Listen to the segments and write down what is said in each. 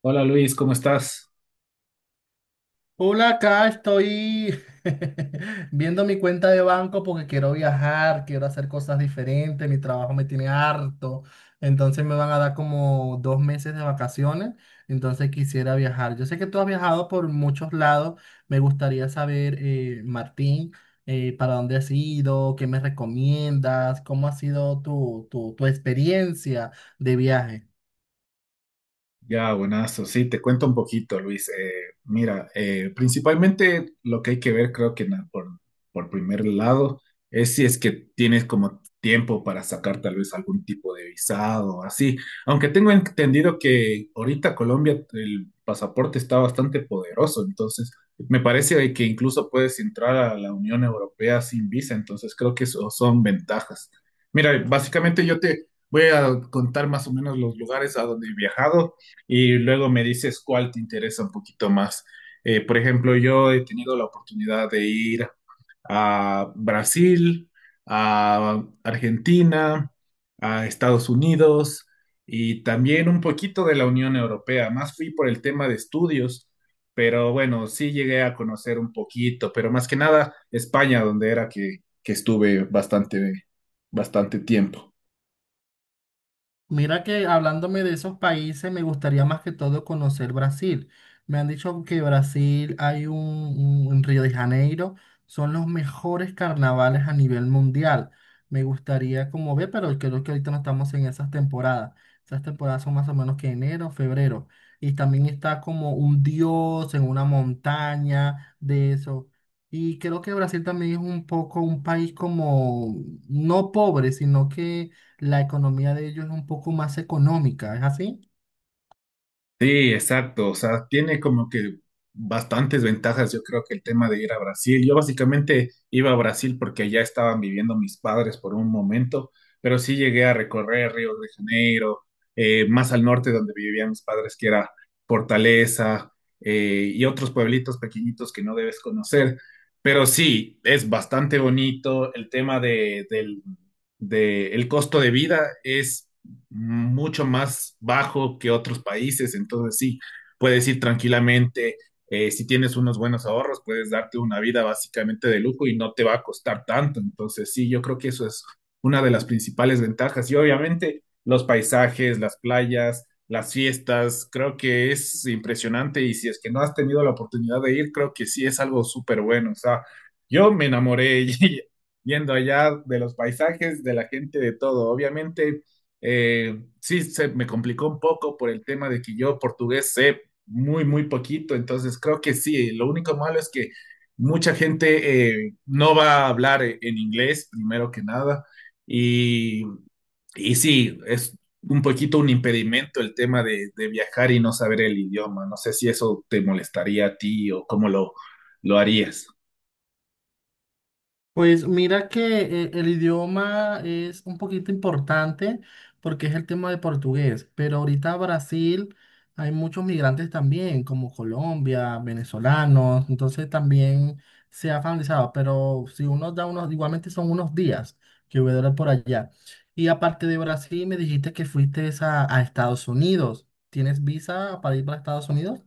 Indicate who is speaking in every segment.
Speaker 1: Hola Luis, ¿cómo estás?
Speaker 2: Hola, acá estoy viendo mi cuenta de banco porque quiero viajar, quiero hacer cosas diferentes, mi trabajo me tiene harto, entonces me van a dar como 2 meses de vacaciones, entonces quisiera viajar. Yo sé que tú has viajado por muchos lados, me gustaría saber, Martín, para dónde has ido, qué me recomiendas, cómo ha sido tu experiencia de viaje.
Speaker 1: Ya, buenazo. Sí, te cuento un poquito, Luis. Mira, principalmente lo que hay que ver, creo que por primer lado, es si es que tienes como tiempo para sacar tal vez algún tipo de visado o así. Aunque tengo entendido que ahorita Colombia el pasaporte está bastante poderoso, entonces me parece que incluso puedes entrar a la Unión Europea sin visa, entonces creo que eso son ventajas. Mira, básicamente yo te voy a contar más o menos los lugares a donde he viajado y luego me dices cuál te interesa un poquito más. Por ejemplo, yo he tenido la oportunidad de ir a Brasil, a Argentina, a Estados Unidos y también un poquito de la Unión Europea. Más fui por el tema de estudios, pero bueno, sí llegué a conocer un poquito, pero más que nada España, donde era que estuve bastante, bastante tiempo.
Speaker 2: Mira que hablándome de esos países, me gustaría más que todo conocer Brasil. Me han dicho que Brasil hay en Río de Janeiro, son los mejores carnavales a nivel mundial. Me gustaría como ver, pero creo que ahorita no estamos en esas temporadas. Esas temporadas son más o menos que enero, febrero. Y también está como un dios en una montaña de eso. Y creo que Brasil también es un poco un país como no pobre, sino que la economía de ellos es un poco más económica, ¿es así?
Speaker 1: Sí, exacto. O sea, tiene como que bastantes ventajas. Yo creo que el tema de ir a Brasil. Yo básicamente iba a Brasil porque allá estaban viviendo mis padres por un momento, pero sí llegué a recorrer Río de Janeiro, más al norte donde vivían mis padres, que era Fortaleza, y otros pueblitos pequeñitos que no debes conocer. Pero sí, es bastante bonito. El tema de, el costo de vida es mucho más bajo que otros países, entonces sí, puedes ir tranquilamente, si tienes unos buenos ahorros, puedes darte una vida básicamente de lujo y no te va a costar tanto, entonces sí, yo creo que eso es una de las principales ventajas y obviamente los paisajes, las playas, las fiestas, creo que es impresionante y si es que no has tenido la oportunidad de ir, creo que sí es algo súper bueno, o sea, yo me enamoré yendo allá de los paisajes, de la gente, de todo, obviamente sí, se me complicó un poco por el tema de que yo portugués sé muy, muy poquito, entonces creo que sí, lo único malo es que mucha gente no va a hablar en inglés, primero que nada, y, y sí, es un poquito un impedimento el tema de viajar y no saber el idioma. No sé si eso te molestaría a ti o cómo lo harías.
Speaker 2: Pues mira que el idioma es un poquito importante porque es el tema de portugués, pero ahorita Brasil hay muchos migrantes también, como Colombia, venezolanos, entonces también se ha familiarizado, pero si uno da unos, igualmente son unos días que voy a durar por allá. Y aparte de Brasil, me dijiste que fuiste a Estados Unidos. ¿Tienes visa para ir para Estados Unidos?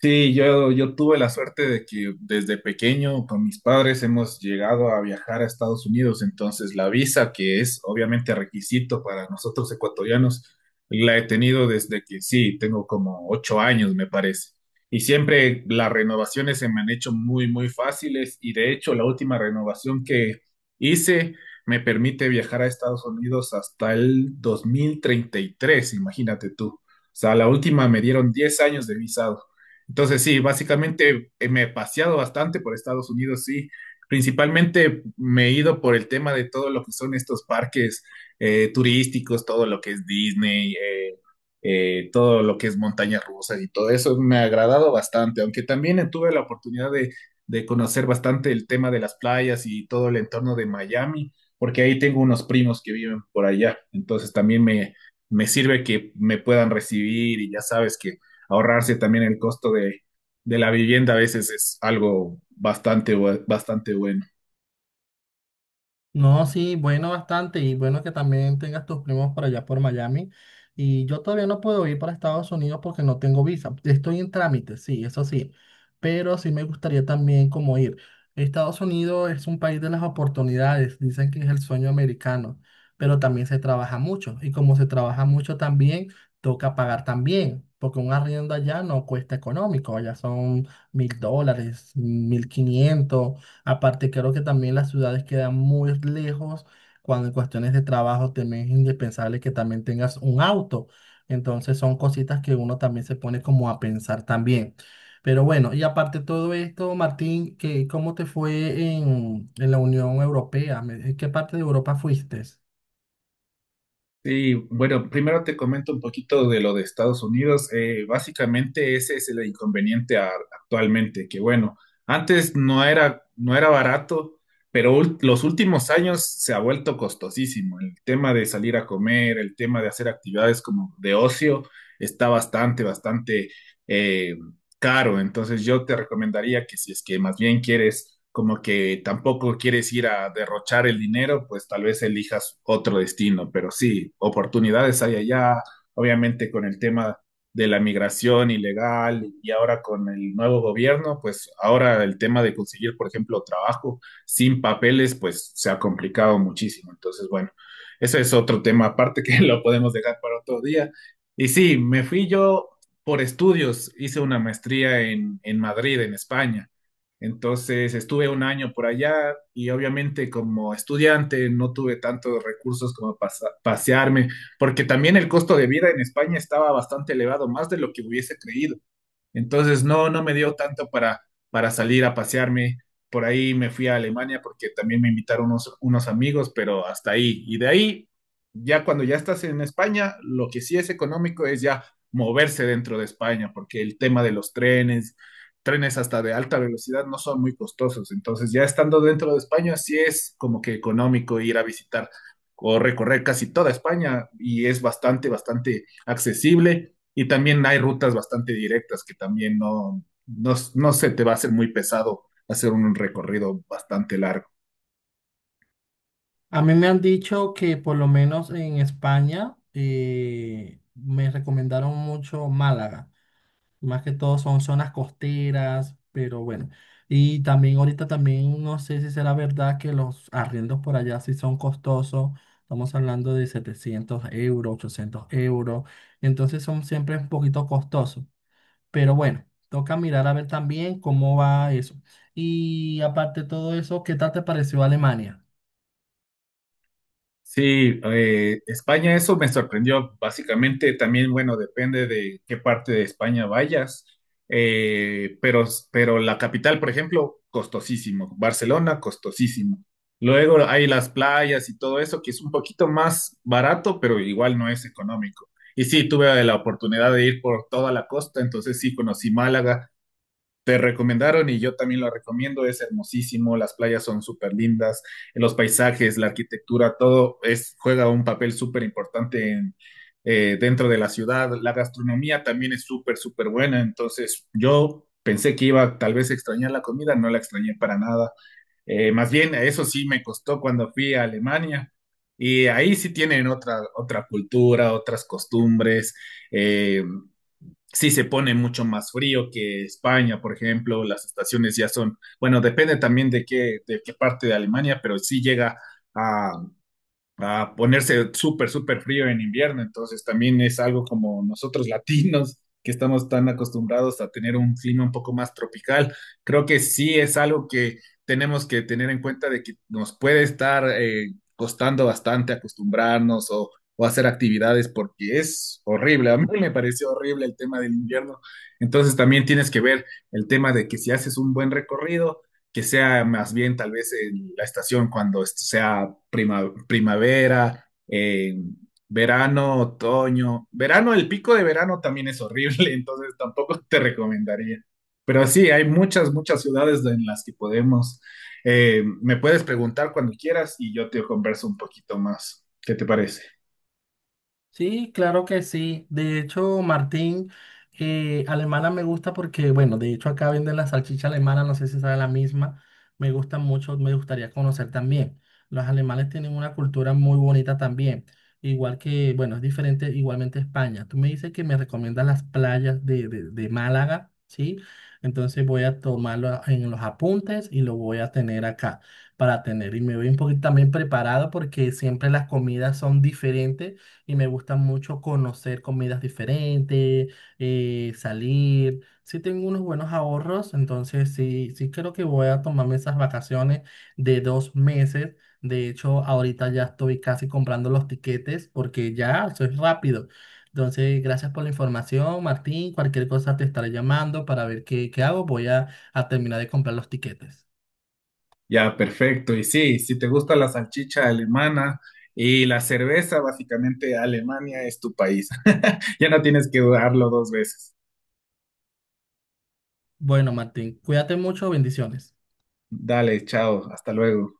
Speaker 1: Sí, yo tuve la suerte de que desde pequeño con mis padres hemos llegado a viajar a Estados Unidos, entonces la visa, que es obviamente requisito para nosotros ecuatorianos, la he tenido desde que sí, tengo como 8 años, me parece. Y siempre las renovaciones se me han hecho muy, muy fáciles y de hecho la última renovación que hice me permite viajar a Estados Unidos hasta el 2033. Imagínate tú. O sea, la última me dieron 10 años de visado. Entonces, sí, básicamente me he paseado bastante por Estados Unidos, sí. Principalmente me he ido por el tema de todo lo que son estos parques turísticos, todo lo que es Disney, todo lo que es montañas rusas y todo eso me ha agradado bastante, aunque también tuve la oportunidad de conocer bastante el tema de las playas y todo el entorno de Miami, porque ahí tengo unos primos que viven por allá, entonces también me sirve que me puedan recibir y ya sabes que ahorrarse también el costo de la vivienda a veces es algo bastante, bastante bueno.
Speaker 2: No, sí, bueno, bastante. Y bueno que también tengas tus primos por allá por Miami. Y yo todavía no puedo ir para Estados Unidos porque no tengo visa. Estoy en trámite, sí, eso sí. Pero sí me gustaría también como ir. Estados Unidos es un país de las oportunidades. Dicen que es el sueño americano. Pero también se trabaja mucho. Y como se trabaja mucho también, toca pagar también. Porque un arriendo allá no cuesta económico. Allá son $1.000, 1.500. Aparte, creo que también las ciudades quedan muy lejos cuando en cuestiones de trabajo también es indispensable que también tengas un auto. Entonces son cositas que uno también se pone como a pensar también. Pero bueno, y aparte de todo esto, Martín, ¿qué, cómo te fue en la Unión Europea? ¿En qué parte de Europa fuiste?
Speaker 1: Sí, bueno, primero te comento un poquito de lo de Estados Unidos. Básicamente ese es el inconveniente actualmente, que bueno, antes no no era barato, pero los últimos años se ha vuelto costosísimo. El tema de salir a comer, el tema de hacer actividades como de ocio, está bastante, bastante eh, caro. Entonces yo te recomendaría que si es que más bien quieres, como que tampoco quieres ir a derrochar el dinero, pues tal vez elijas otro destino. Pero sí, oportunidades hay allá, obviamente con el tema de la migración ilegal y ahora con el nuevo gobierno, pues ahora el tema de conseguir, por ejemplo, trabajo sin papeles, pues se ha complicado muchísimo. Entonces, bueno, ese es otro tema aparte que lo podemos dejar para otro día. Y sí, me fui yo por estudios hice una maestría en Madrid, en España. Entonces estuve un año por allá y obviamente como estudiante no tuve tantos recursos como pasearme, porque también el costo de vida en España estaba bastante elevado, más de lo que hubiese creído. Entonces no, no me dio tanto para salir a pasearme. Por ahí me fui a Alemania porque también me invitaron unos amigos, pero hasta ahí. Y de ahí, ya cuando ya estás en España, lo que sí es económico es ya moverse dentro de España, porque el tema de los trenes hasta de alta velocidad no son muy costosos. Entonces ya estando dentro de España, sí es como que económico ir a visitar o recorrer casi toda España y es bastante, bastante accesible y también hay rutas bastante directas que también no se te va a hacer muy pesado hacer un recorrido bastante largo.
Speaker 2: A mí me han dicho que por lo menos en España me recomendaron mucho Málaga. Más que todo son zonas costeras, pero bueno. Y también ahorita también no sé si será verdad que los arriendos por allá sí son costosos. Estamos hablando de 700 euros, 800 euros. Entonces son siempre un poquito costosos. Pero bueno, toca mirar a ver también cómo va eso. Y aparte de todo eso, ¿qué tal te pareció Alemania?
Speaker 1: Sí, España, eso me sorprendió. Básicamente, también, bueno, depende de qué parte de España vayas, Eh, pero, pero la capital, por ejemplo, costosísimo. Barcelona, costosísimo. Luego hay las playas y todo eso, que es un poquito más barato, pero igual no es económico. Y sí, tuve la oportunidad de ir por toda la costa, entonces sí conocí Málaga, te recomendaron y yo también lo recomiendo, es hermosísimo, las playas son súper lindas, los paisajes, la arquitectura, todo es, juega un papel súper importante en, dentro de la ciudad, la gastronomía también es súper, súper buena, entonces yo pensé que iba tal vez a extrañar la comida, no la extrañé para nada, más bien eso sí me costó cuando fui a Alemania. Y ahí sí tienen otra cultura, otras costumbres. Eh, sí se pone mucho más frío que España, por ejemplo, las estaciones ya son, bueno, depende también de qué parte de Alemania, pero sí llega a a ponerse súper, súper frío en invierno. Entonces también es algo como nosotros latinos, que estamos tan acostumbrados a tener un clima un poco más tropical. Creo que sí es algo que tenemos que tener en cuenta de que nos puede estar costando bastante acostumbrarnos o hacer actividades porque es horrible. A mí me pareció horrible el tema del invierno. Entonces también tienes que ver el tema de que si haces un buen recorrido, que sea más bien tal vez en la estación cuando esto sea primavera, verano, otoño. Verano, el pico de verano también es horrible, entonces tampoco te recomendaría. Pero sí, hay muchas, muchas ciudades en las que podemos. Me puedes preguntar cuando quieras y yo te converso un poquito más. ¿Qué te parece?
Speaker 2: Sí, claro que sí. De hecho, Martín, alemana me gusta porque, bueno, de hecho acá venden la salchicha alemana, no sé si será la misma. Me gusta mucho, me gustaría conocer también. Los alemanes tienen una cultura muy bonita también. Igual que, bueno, es diferente igualmente España. Tú me dices que me recomiendas las playas de Málaga, ¿sí? Entonces voy a tomarlo en los apuntes y lo voy a tener acá para tener. Y me voy un poquito también preparado porque siempre las comidas son diferentes y me gusta mucho conocer comidas diferentes, salir. Sí tengo unos buenos ahorros, entonces sí, sí creo que voy a tomarme esas vacaciones de 2 meses. De hecho, ahorita ya estoy casi comprando los tiquetes porque ya soy rápido. Entonces, gracias por la información, Martín. Cualquier cosa te estaré llamando para ver qué, qué hago. Voy a terminar de comprar los tiquetes.
Speaker 1: Ya, perfecto. Y sí, si te gusta la salchicha alemana y la cerveza, básicamente Alemania es tu país. Ya no tienes que dudarlo dos veces.
Speaker 2: Bueno, Martín, cuídate mucho, bendiciones.
Speaker 1: Dale, chao, hasta luego.